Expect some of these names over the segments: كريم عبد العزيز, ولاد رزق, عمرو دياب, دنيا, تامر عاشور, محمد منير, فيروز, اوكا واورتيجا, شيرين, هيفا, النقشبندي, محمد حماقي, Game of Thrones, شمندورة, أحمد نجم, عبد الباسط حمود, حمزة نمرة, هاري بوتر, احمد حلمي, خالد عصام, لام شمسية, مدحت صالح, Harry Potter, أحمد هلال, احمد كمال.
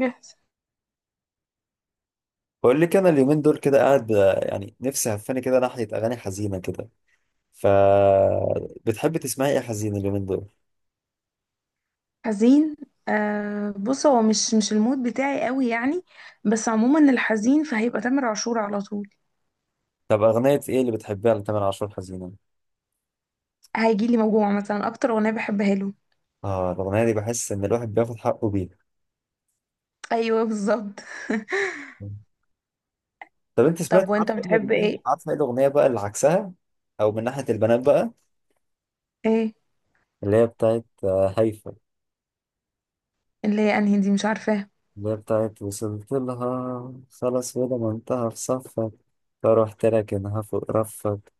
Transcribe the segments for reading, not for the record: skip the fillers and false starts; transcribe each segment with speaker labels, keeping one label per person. Speaker 1: جاهز.
Speaker 2: بقول لك انا اليومين دول كده يعني نفسي هفاني كده ناحيه اغاني حزينه كده. ف بتحبي تسمعي ايه حزين اليومين دول؟
Speaker 1: حزين؟ آه، بص، هو مش المود بتاعي قوي يعني، بس عموما الحزين فهيبقى تامر عاشور على طول.
Speaker 2: طب اغنيه ايه اللي بتحبيها لتامر عاشور حزينه؟
Speaker 1: هيجي لي موجوع مثلا اكتر اغنيه بحبها له.
Speaker 2: اه، الاغنيه دي بحس ان الواحد بياخد حقه بيها.
Speaker 1: ايوه بالظبط.
Speaker 2: طب انت سمعت؟
Speaker 1: طب
Speaker 2: عارفه
Speaker 1: وانت
Speaker 2: ايه
Speaker 1: بتحب
Speaker 2: الاغنيه؟
Speaker 1: ايه؟
Speaker 2: عارفه ايه الاغنيه بقى اللي عكسها؟ او من ناحيه البنات بقى،
Speaker 1: ايه
Speaker 2: اللي هي بتاعت هيفا.
Speaker 1: اللي هي انهي دي؟ مش عارفاها.
Speaker 2: اللي هي بتاعت وصلت لها خلاص ولا ما انتهى في صفك، فروحت لكنها فوق رفك.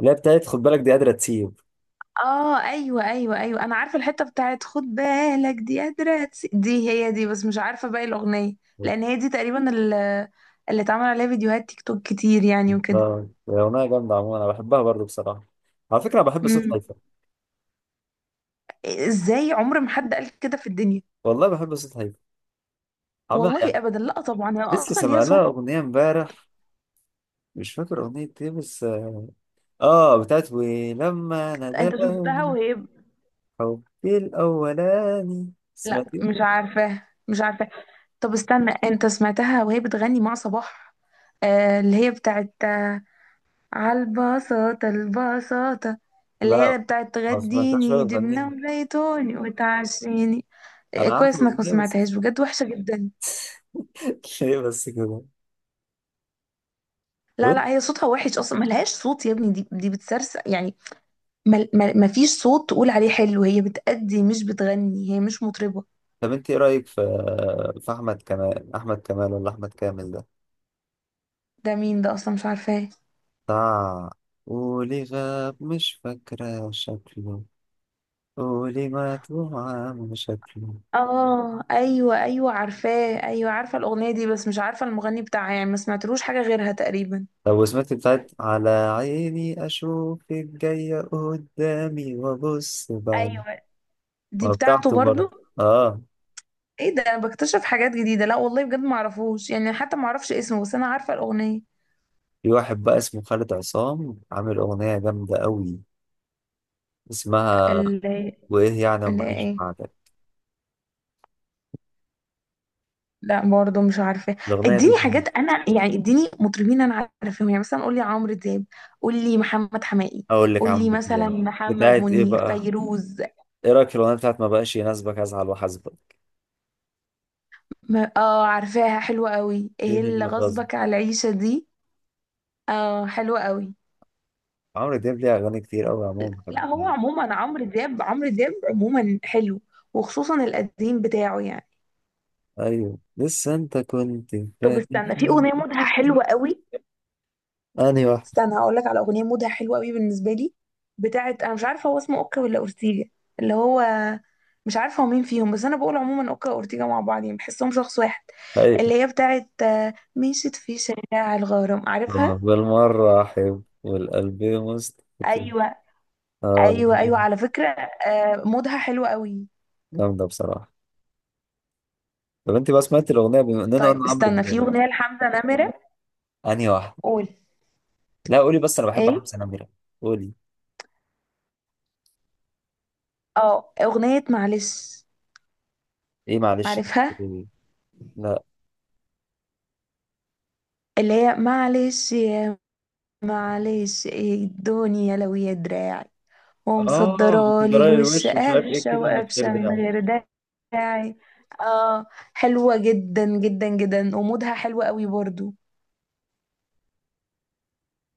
Speaker 2: اللي هي بتاعت خد بالك دي قادره تسيب.
Speaker 1: اه ايوه ايوه ايوه، انا عارفه الحته بتاعت خد بالك دي قادره دي، هي دي، بس مش عارفه باقي الاغنيه، لان هي دي تقريبا اللي اتعمل عليها فيديوهات تيك توك كتير يعني وكده.
Speaker 2: اه، هي اغنيه جامده عموما، انا بحبها برضو بصراحه. على فكره أنا بحب صوت
Speaker 1: امم،
Speaker 2: هيفا.
Speaker 1: ازاي عمر ما حد قال كده في الدنيا؟
Speaker 2: والله بحب صوت هيفا، عمال
Speaker 1: والله
Speaker 2: يعني.
Speaker 1: ابدا، لا طبعا هي
Speaker 2: لسه
Speaker 1: اصلا ليها
Speaker 2: سمعنا
Speaker 1: صوت.
Speaker 2: اغنيه امبارح، مش فاكر اغنيه ايه بس اه بتاعت ولما
Speaker 1: انت شفتها
Speaker 2: ناداني.
Speaker 1: وهي،
Speaker 2: حبي الاولاني
Speaker 1: لا
Speaker 2: سمعتيه؟
Speaker 1: مش عارفاه مش عارفاه. طب استنى، انت سمعتها وهي بتغني مع صباح؟ آه اللي هي بتاعت على البساطة البساطة، اللي
Speaker 2: لا،
Speaker 1: هي بتاعت
Speaker 2: ما سمعتهاش ولا
Speaker 1: تغديني
Speaker 2: بغنيها.
Speaker 1: جبنة وزيتوني وتعشيني.
Speaker 2: انا عارف
Speaker 1: كويس انك ما
Speaker 2: الاغنيه بس.
Speaker 1: سمعتهاش، بجد وحشة جدا.
Speaker 2: هي بس كده. طب
Speaker 1: لا
Speaker 2: انت
Speaker 1: لا، هي صوتها وحش اصلا، ملهاش صوت يا ابني، دي بتسرسق يعني. ما ما فيش صوت تقول عليه حلو، هي بتأدي مش بتغني، هي مش مطربة.
Speaker 2: طب انت ايه رايك في احمد كمال؟ احمد كمال ولا احمد كامل ده،
Speaker 1: ده مين ده اصلا؟ مش عارفاه.
Speaker 2: بتاع ولي غاب؟ مش فاكرة شكله. قولي ما توعى شكله.
Speaker 1: اه ايوه ايوه عارفاه، ايوه عارفه الاغنيه دي بس مش عارفه المغني بتاعها يعني، ما سمعتلوش حاجه غيرها تقريبا.
Speaker 2: طب سمعت بتاعت على عيني أشوفك جاية قدامي وأبص بعد
Speaker 1: ايوه دي
Speaker 2: ما؟
Speaker 1: بتاعته
Speaker 2: بتاعته
Speaker 1: برضو.
Speaker 2: برضه. آه.
Speaker 1: ايه ده، انا بكتشف حاجات جديده، لا والله بجد ما اعرفوش يعني، حتى ما اعرفش اسمه بس انا عارفه الاغنيه.
Speaker 2: في واحد بقى اسمه خالد عصام عامل أغنية جامدة أوي، اسمها
Speaker 1: اللي
Speaker 2: وإيه يعني
Speaker 1: اللي
Speaker 2: أما أعيش
Speaker 1: ايه؟
Speaker 2: بعدك.
Speaker 1: لا برضو مش عارفه.
Speaker 2: الأغنية دي
Speaker 1: اديني
Speaker 2: جامدة.
Speaker 1: حاجات انا يعني، اديني مطربين انا عارفاهم يعني، مثلا قولي عمرو دياب، قولي محمد حماقي،
Speaker 2: أقول لك عم
Speaker 1: قولي مثلا
Speaker 2: يعني،
Speaker 1: محمد
Speaker 2: بتاعت إيه
Speaker 1: منير،
Speaker 2: بقى.
Speaker 1: فيروز.
Speaker 2: إيه رأيك في الأغنية بتاعت ما بقاش يناسبك أزعل وأحاسبك؟
Speaker 1: اه عارفاها، حلوة قوي،
Speaker 2: إيه
Speaker 1: ايه اللي
Speaker 2: اللي غصب.
Speaker 1: غصبك على العيشة دي، اه حلوة قوي.
Speaker 2: عمرو دياب ليه أغاني كتير أوي عموما
Speaker 1: لا هو
Speaker 2: بحبها.
Speaker 1: عموما عمرو دياب، عمرو دياب عموما حلو، وخصوصا القديم بتاعه يعني.
Speaker 2: أيوه، لسه أنت كنت
Speaker 1: طب
Speaker 2: فاكر.
Speaker 1: استنى، في اغنية مودها حلوة قوي،
Speaker 2: انهي واحد؟
Speaker 1: استنى هقول لك على اغنية مودها حلوة قوي بالنسبة لي، بتاعت، انا مش عارفة هو اسمه اوكا ولا اورتيجا، اللي هو، مش عارفة هو مين فيهم، بس انا بقول عموما اوكا واورتيجا مع بعض يعني، بحسهم شخص واحد.
Speaker 2: أي.
Speaker 1: اللي هي بتاعت مشيت في شارع الغرام، عارفها؟
Speaker 2: بالمرة أحب والقلب مستقيم.
Speaker 1: ايوه
Speaker 2: آه،
Speaker 1: ايوه
Speaker 2: أغنية
Speaker 1: ايوه على فكره. مودها حلو قوي.
Speaker 2: جامدة بصراحة. طب أنت بقى سمعت الأغنية، بما إننا قلنا
Speaker 1: طيب
Speaker 2: عمرو
Speaker 1: استنى، في
Speaker 2: دياب؟
Speaker 1: اغنيه لحمزه نمره.
Speaker 2: أنهي واحدة؟
Speaker 1: قول.
Speaker 2: لا، قولي بس، أنا بحب
Speaker 1: ايه؟
Speaker 2: حمزة نمرة. قولي.
Speaker 1: اه، اغنيه معلش،
Speaker 2: إيه معلش؟
Speaker 1: عارفها؟
Speaker 2: قولي. لا.
Speaker 1: اللي هي معلش يا، معلش، ايه الدنيا لو يا دراعي،
Speaker 2: آه،
Speaker 1: ومصدرالي
Speaker 2: بتجرالي
Speaker 1: الوش
Speaker 2: الوش مش عارف إيه
Speaker 1: قرشه
Speaker 2: كده من غير
Speaker 1: وقفشه من
Speaker 2: داعي.
Speaker 1: غير داعي. اه حلوه جدا جدا جدا ومودها حلو قوي برضو.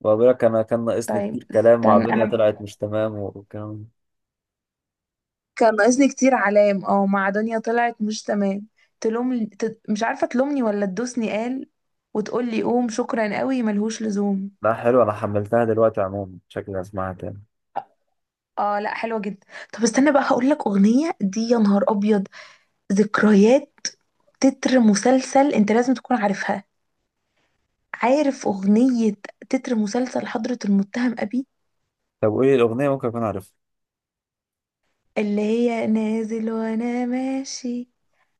Speaker 2: وأقول لك أنا كان ناقصني
Speaker 1: طيب
Speaker 2: كتير كلام مع
Speaker 1: استنى
Speaker 2: دنيا
Speaker 1: انا،
Speaker 2: طلعت مش تمام والكلام.
Speaker 1: كان ناقصني كتير علام، اه، مع دنيا طلعت مش تمام، تلوم مش عارفة تلومني ولا تدوسني قال، وتقول لي قوم شكرا قوي ملهوش لزوم.
Speaker 2: لا حلو، أنا حملتها دلوقتي عموما، شكلي هسمعها تاني.
Speaker 1: اه، لا حلوة جدا. طب استنى بقى، هقول لك أغنية، دي يا نهار أبيض، ذكريات، تتر مسلسل، انت لازم تكون عارفها، عارف أغنية، تتر مسلسل حضرة المتهم أبي،
Speaker 2: طب قولي الأغنية ممكن أكون عارفها.
Speaker 1: اللي هي نازل وانا ماشي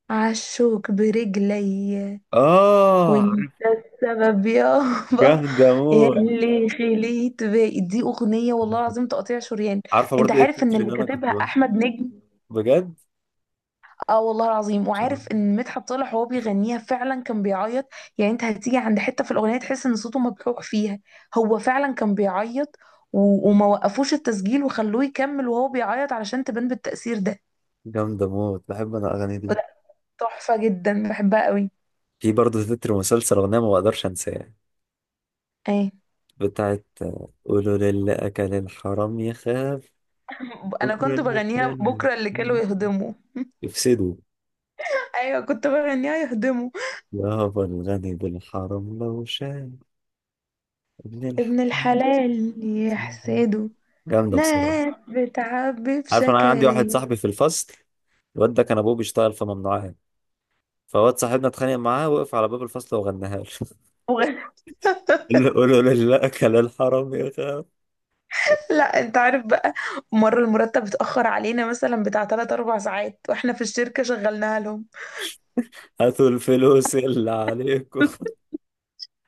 Speaker 1: عالشوك برجلي،
Speaker 2: آه.
Speaker 1: وانت السبب يابا،
Speaker 2: جامدة موت.
Speaker 1: اللي خليت باقي. دي أغنية والله العظيم تقطيع شريان.
Speaker 2: عارفه
Speaker 1: أنت
Speaker 2: برضو ايه
Speaker 1: عارف إن
Speaker 2: التتر
Speaker 1: اللي
Speaker 2: اللي انا كنت
Speaker 1: كاتبها
Speaker 2: بقول؟
Speaker 1: أحمد نجم؟
Speaker 2: بجد.
Speaker 1: آه والله العظيم، وعارف
Speaker 2: عشان
Speaker 1: إن مدحت صالح وهو بيغنيها فعلا كان بيعيط؟ يعني أنت هتيجي عند حتة في الأغنية تحس إن صوته مبحوح فيها، هو فعلا كان بيعيط و... وما وقفوش التسجيل وخلوه يكمل وهو بيعيط علشان تبان بالتأثير ده.
Speaker 2: جامده موت، بحب انا الاغاني دي.
Speaker 1: لا تحفة جدا، بحبها قوي.
Speaker 2: في برضو تتر مسلسل، اغنيه ما بقدرش انساها،
Speaker 1: ايه؟
Speaker 2: بتاعت قولوا للي اكل الحرام يخاف،
Speaker 1: انا
Speaker 2: بكره
Speaker 1: كنت
Speaker 2: اللي
Speaker 1: بغنيها
Speaker 2: كان
Speaker 1: بكره اللي كانوا يهضموا.
Speaker 2: يفسدوا،
Speaker 1: ايوه كنت بغنيها يهضموا.
Speaker 2: يابا الغني بالحرام لو شاف ابن
Speaker 1: ابن
Speaker 2: الحرام.
Speaker 1: الحلال يحسده،
Speaker 2: جامده بصراحه.
Speaker 1: ناس بتعبي
Speaker 2: عارف، انا عندي واحد
Speaker 1: بشكايا.
Speaker 2: صاحبي في الفصل، الواد ده كان ابوه بيشتغل في ممنوعات، فواد صاحبنا اتخانق معاه، وقف على باب الفصل وغناها
Speaker 1: وغ-
Speaker 2: له. قولوا للي اكل الحرام يخاف.
Speaker 1: لا انت عارف بقى، مرة المرتب اتأخر علينا مثلا بتاع 3 4 ساعات واحنا في الشركة شغلناها لهم.
Speaker 2: هاتوا الفلوس اللي عليكم.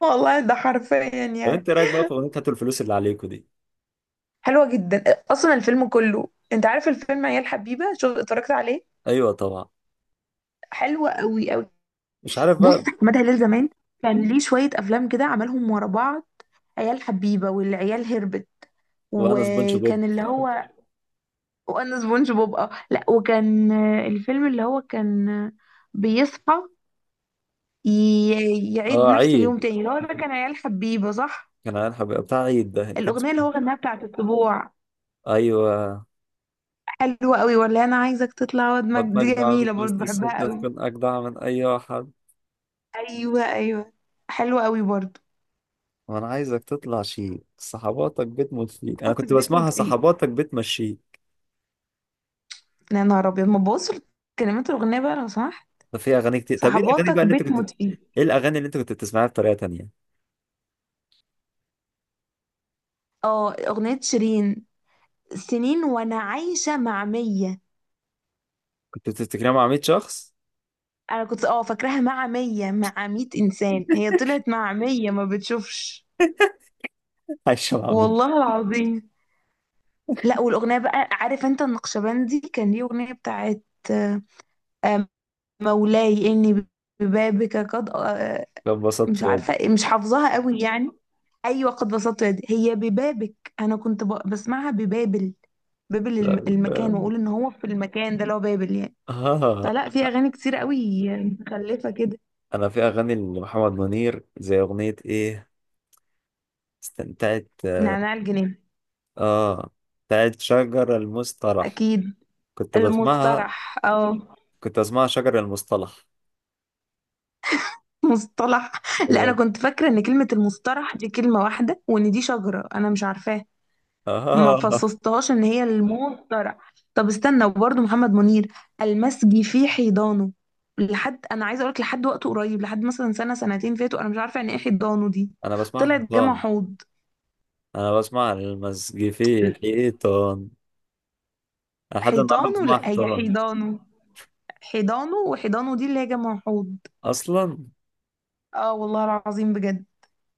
Speaker 1: والله ده حرفيا
Speaker 2: طب
Speaker 1: يعني.
Speaker 2: انت رايك بقى في اغنيه هاتوا الفلوس اللي عليكم دي؟
Speaker 1: حلوة جدا، اصلا الفيلم كله، انت عارف الفيلم عيال حبيبة شو اتفرجت عليه؟
Speaker 2: ايوه طبعا.
Speaker 1: حلوة قوي قوي.
Speaker 2: مش عارف
Speaker 1: بص
Speaker 2: بقى.
Speaker 1: احمد هلال زمان كان ليه شوية افلام كده عملهم ورا بعض، عيال حبيبة، والعيال هربت،
Speaker 2: وانا سبونج بوب.
Speaker 1: وكان اللي هو، وانا سبونج بوب، اه لا، وكان الفيلم اللي هو كان، بيصحى، يعيد
Speaker 2: اه،
Speaker 1: نفس اليوم
Speaker 2: عيد.
Speaker 1: تاني، اللي هو ده كان عيال حبيبة صح؟
Speaker 2: كان عارف بتاع عيد ده، اللي كان
Speaker 1: الأغنية
Speaker 2: اسمه
Speaker 1: اللي هو
Speaker 2: إيه؟
Speaker 1: غناها بتاعت الطبوع،
Speaker 2: ايوه.
Speaker 1: حلوة قوي، ولا أنا عايزك تطلع ودمك
Speaker 2: بطنك
Speaker 1: دي
Speaker 2: دعوة
Speaker 1: جميلة
Speaker 2: في
Speaker 1: برضه،
Speaker 2: وسط
Speaker 1: بحبها
Speaker 2: الستة
Speaker 1: قوي.
Speaker 2: تكون اجدع من اي واحد.
Speaker 1: أيوة أيوة حلوة قوي برضه.
Speaker 2: وانا عايزك تطلع، شيء صحباتك بتموت فيك، انا
Speaker 1: صحباتك
Speaker 2: كنت
Speaker 1: بيت موت
Speaker 2: بسمعها
Speaker 1: فيه،
Speaker 2: صحباتك بتمشيك.
Speaker 1: يا نهار أبيض ما تبص، كلمات الأغنية بقى لو سمحت.
Speaker 2: ده في اغاني كتير. طب ايه الاغاني بقى
Speaker 1: صحباتك
Speaker 2: اللي انت
Speaker 1: بيت
Speaker 2: كنت؟
Speaker 1: موت فيه.
Speaker 2: ايه الاغاني اللي انت كنت بتسمعها بطريقه تانيه؟
Speaker 1: اه أغنية شيرين، سنين وأنا عايشة مع مية.
Speaker 2: كنت بتفتكرها مع 100 شخص.
Speaker 1: انا كنت اه فاكراها مع مية انسان، هي طلعت مع مية ما بتشوفش.
Speaker 2: عايشه مع 100.
Speaker 1: والله العظيم. لا والاغنية بقى، عارف انت النقشبندي كان ليه اغنية بتاعت، آه، آه، مولاي اني ببابك قد
Speaker 2: فانبسطت.
Speaker 1: مش عارفة، مش حافظاها قوي يعني. ايوه قد بسطت يدي، هي ببابك، انا كنت بسمعها ببابل، بابل المكان، واقول ان هو في المكان ده اللي هو بابل يعني.
Speaker 2: اه،
Speaker 1: فلا في اغاني كتير قوي متخلفة كده.
Speaker 2: انا في اغاني لمحمد منير زي اغنية ايه. استمتعت.
Speaker 1: نعناع الجنين.
Speaker 2: اه، بتاعت شجر المصطلح،
Speaker 1: اكيد.
Speaker 2: كنت بسمعها،
Speaker 1: المصطلح، اه،
Speaker 2: كنت بسمعها شجر المصطلح.
Speaker 1: مصطلح. لا انا
Speaker 2: بجد.
Speaker 1: كنت فاكره ان كلمه المصطلح دي كلمه واحده، وان دي شجره انا مش عارفاها، ما
Speaker 2: اه،
Speaker 1: فصصتهاش ان هي المصطلح. طب استنى، وبرده محمد منير، المسجي في حيضانه، لحد، انا عايزه اقولك، لحد وقت قريب، لحد مثلا سنه سنتين فاتوا، انا مش عارفه يعني ايه حيضانه دي،
Speaker 2: انا بسمعها
Speaker 1: طلعت جمع
Speaker 2: حيطان.
Speaker 1: حوض.
Speaker 2: انا بسمع المزج في حيطان. أنا لحد النهارده
Speaker 1: حيطانه،
Speaker 2: بسمعها
Speaker 1: لا هي
Speaker 2: حيطان.
Speaker 1: حيضانه، حيضانه، وحيضانه دي اللي هي جمع حوض.
Speaker 2: اصلا.
Speaker 1: اه والله العظيم بجد.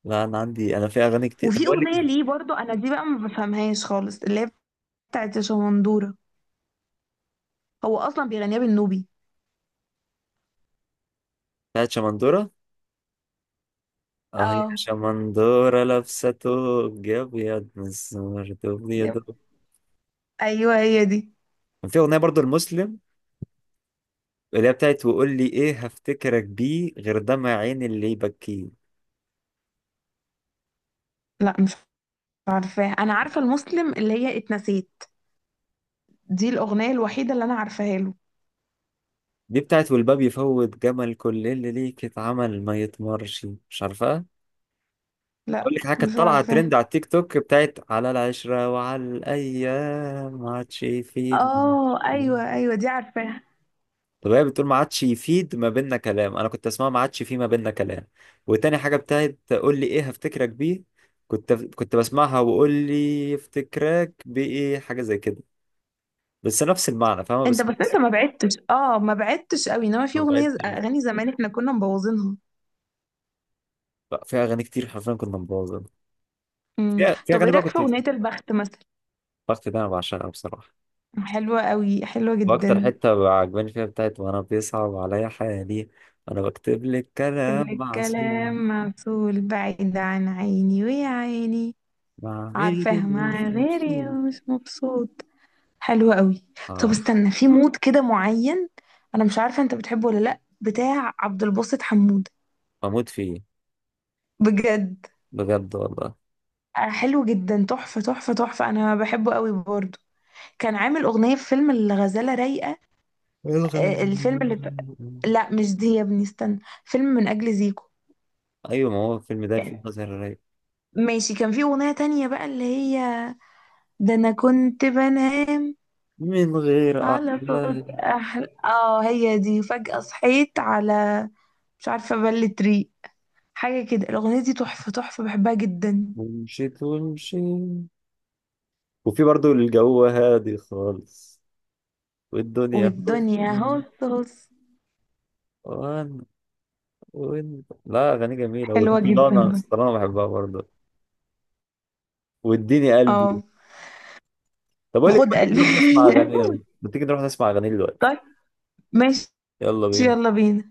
Speaker 2: لا انا في اغاني كتير. طب
Speaker 1: وفي
Speaker 2: اقول
Speaker 1: اغنيه
Speaker 2: لك،
Speaker 1: ليه برضو انا دي بقى ما بفهمهاش خالص، اللي هي بتاعت شمندورة، هو اصلا بيغنيها بالنوبي.
Speaker 2: بتاعت شمندورة. اه، هي
Speaker 1: اه.
Speaker 2: شمندورة لابسة توب ابيض، مسمار توب ابيض.
Speaker 1: يب. ايوه هي دي.
Speaker 2: كان في اغنية برضو، المسلم، اللي هي بتاعت وقول لي ايه هفتكرك بيه غير دمع عين اللي يبكيه.
Speaker 1: لا مش عارفاها، انا عارفه المسلم اللي هي اتنسيت، دي الاغنيه الوحيده اللي انا عارفاها له.
Speaker 2: دي بتاعت والباب يفوت جمل كل اللي ليك اتعمل ما يتمرش، مش عارفها.
Speaker 1: لا
Speaker 2: اقول لك حاجه كانت
Speaker 1: مش
Speaker 2: طالعه
Speaker 1: عارفاها.
Speaker 2: ترند على التيك توك، بتاعت على العشره وعلى الايام ما عادش يفيد.
Speaker 1: اه ايوه ايوه دي عارفاها.
Speaker 2: طب هي بتقول ما عادش يفيد ما بيننا كلام، انا كنت اسمعها ما عادش في ما بيننا كلام. وتاني حاجه، بتاعت قول لي ايه هفتكرك بيه، كنت بسمعها وقول لي افتكرك بايه، حاجه زي كده، بس نفس المعنى فاهمه
Speaker 1: انت
Speaker 2: بس.
Speaker 1: بس انت ما بعدتش، اه ما بعدتش قوي، انما في
Speaker 2: ما
Speaker 1: اغنيه
Speaker 2: بعدتش.
Speaker 1: اغاني زمان احنا كنا مبوظينها.
Speaker 2: بقى في اغاني كتير حرفيا كنا مبوظين.
Speaker 1: امم،
Speaker 2: في
Speaker 1: طب ايه
Speaker 2: اغاني بقى
Speaker 1: رايك في
Speaker 2: كنت،
Speaker 1: اغنيه البخت مثلا؟
Speaker 2: الوقت ده انا بعشقها بصراحه.
Speaker 1: حلوه قوي، حلوه
Speaker 2: واكتر
Speaker 1: جدا.
Speaker 2: حته عجباني فيها، بتاعت وانا بيصعب عليا حالي، انا بكتب لك
Speaker 1: سيب لي
Speaker 2: كلام معسول،
Speaker 1: الكلام معسول بعيد عن عيني ويا عيني.
Speaker 2: مع غيري
Speaker 1: عارفاها،
Speaker 2: مش
Speaker 1: مع غيري
Speaker 2: مبسوط.
Speaker 1: مش مبسوط، حلوة قوي. طب
Speaker 2: اه.
Speaker 1: استنى، في مود كده معين، انا مش عارفة انت بتحبه ولا لا، بتاع عبد الباسط حمود.
Speaker 2: بموت فيه.
Speaker 1: بجد.
Speaker 2: بجد والله.
Speaker 1: حلو جدا، تحفة تحفة تحفة، انا بحبه قوي برضه. كان عامل اغنية في فيلم الغزالة رايقة،
Speaker 2: الغالي.
Speaker 1: الفيلم اللي ب... لا مش دي يا ابني، استنى، فيلم من اجل زيكو.
Speaker 2: ايوه ما هو الفيلم ده، الفيلم ده زهر رايق.
Speaker 1: ماشي، كان في اغنية تانية بقى اللي هي، ده انا كنت بنام
Speaker 2: من غير
Speaker 1: على صوت
Speaker 2: احلام.
Speaker 1: احلى، اه هي دي، فجأة صحيت على، مش عارفة بل تري حاجة كده، الأغنية دي تحفة تحفة، بحبها جدا.
Speaker 2: ومشيت ومشيت. وفي برضو، الجو هادي خالص والدنيا
Speaker 1: والدنيا
Speaker 2: حسن.
Speaker 1: هوس هوس.
Speaker 2: وان وان لا، اغاني جميله،
Speaker 1: حلوة جدا.
Speaker 2: وسطلانه
Speaker 1: بقى.
Speaker 2: سطلانه بحبها برضه. واديني قلبي.
Speaker 1: اه
Speaker 2: طب اقول لك
Speaker 1: وخد
Speaker 2: ما تيجي نروح
Speaker 1: قلبي.
Speaker 2: نسمع اغاني، يلا ما تيجي نروح نسمع اغاني دلوقتي.
Speaker 1: طيب، ماشي.
Speaker 2: يلا بينا.
Speaker 1: يلا بينا.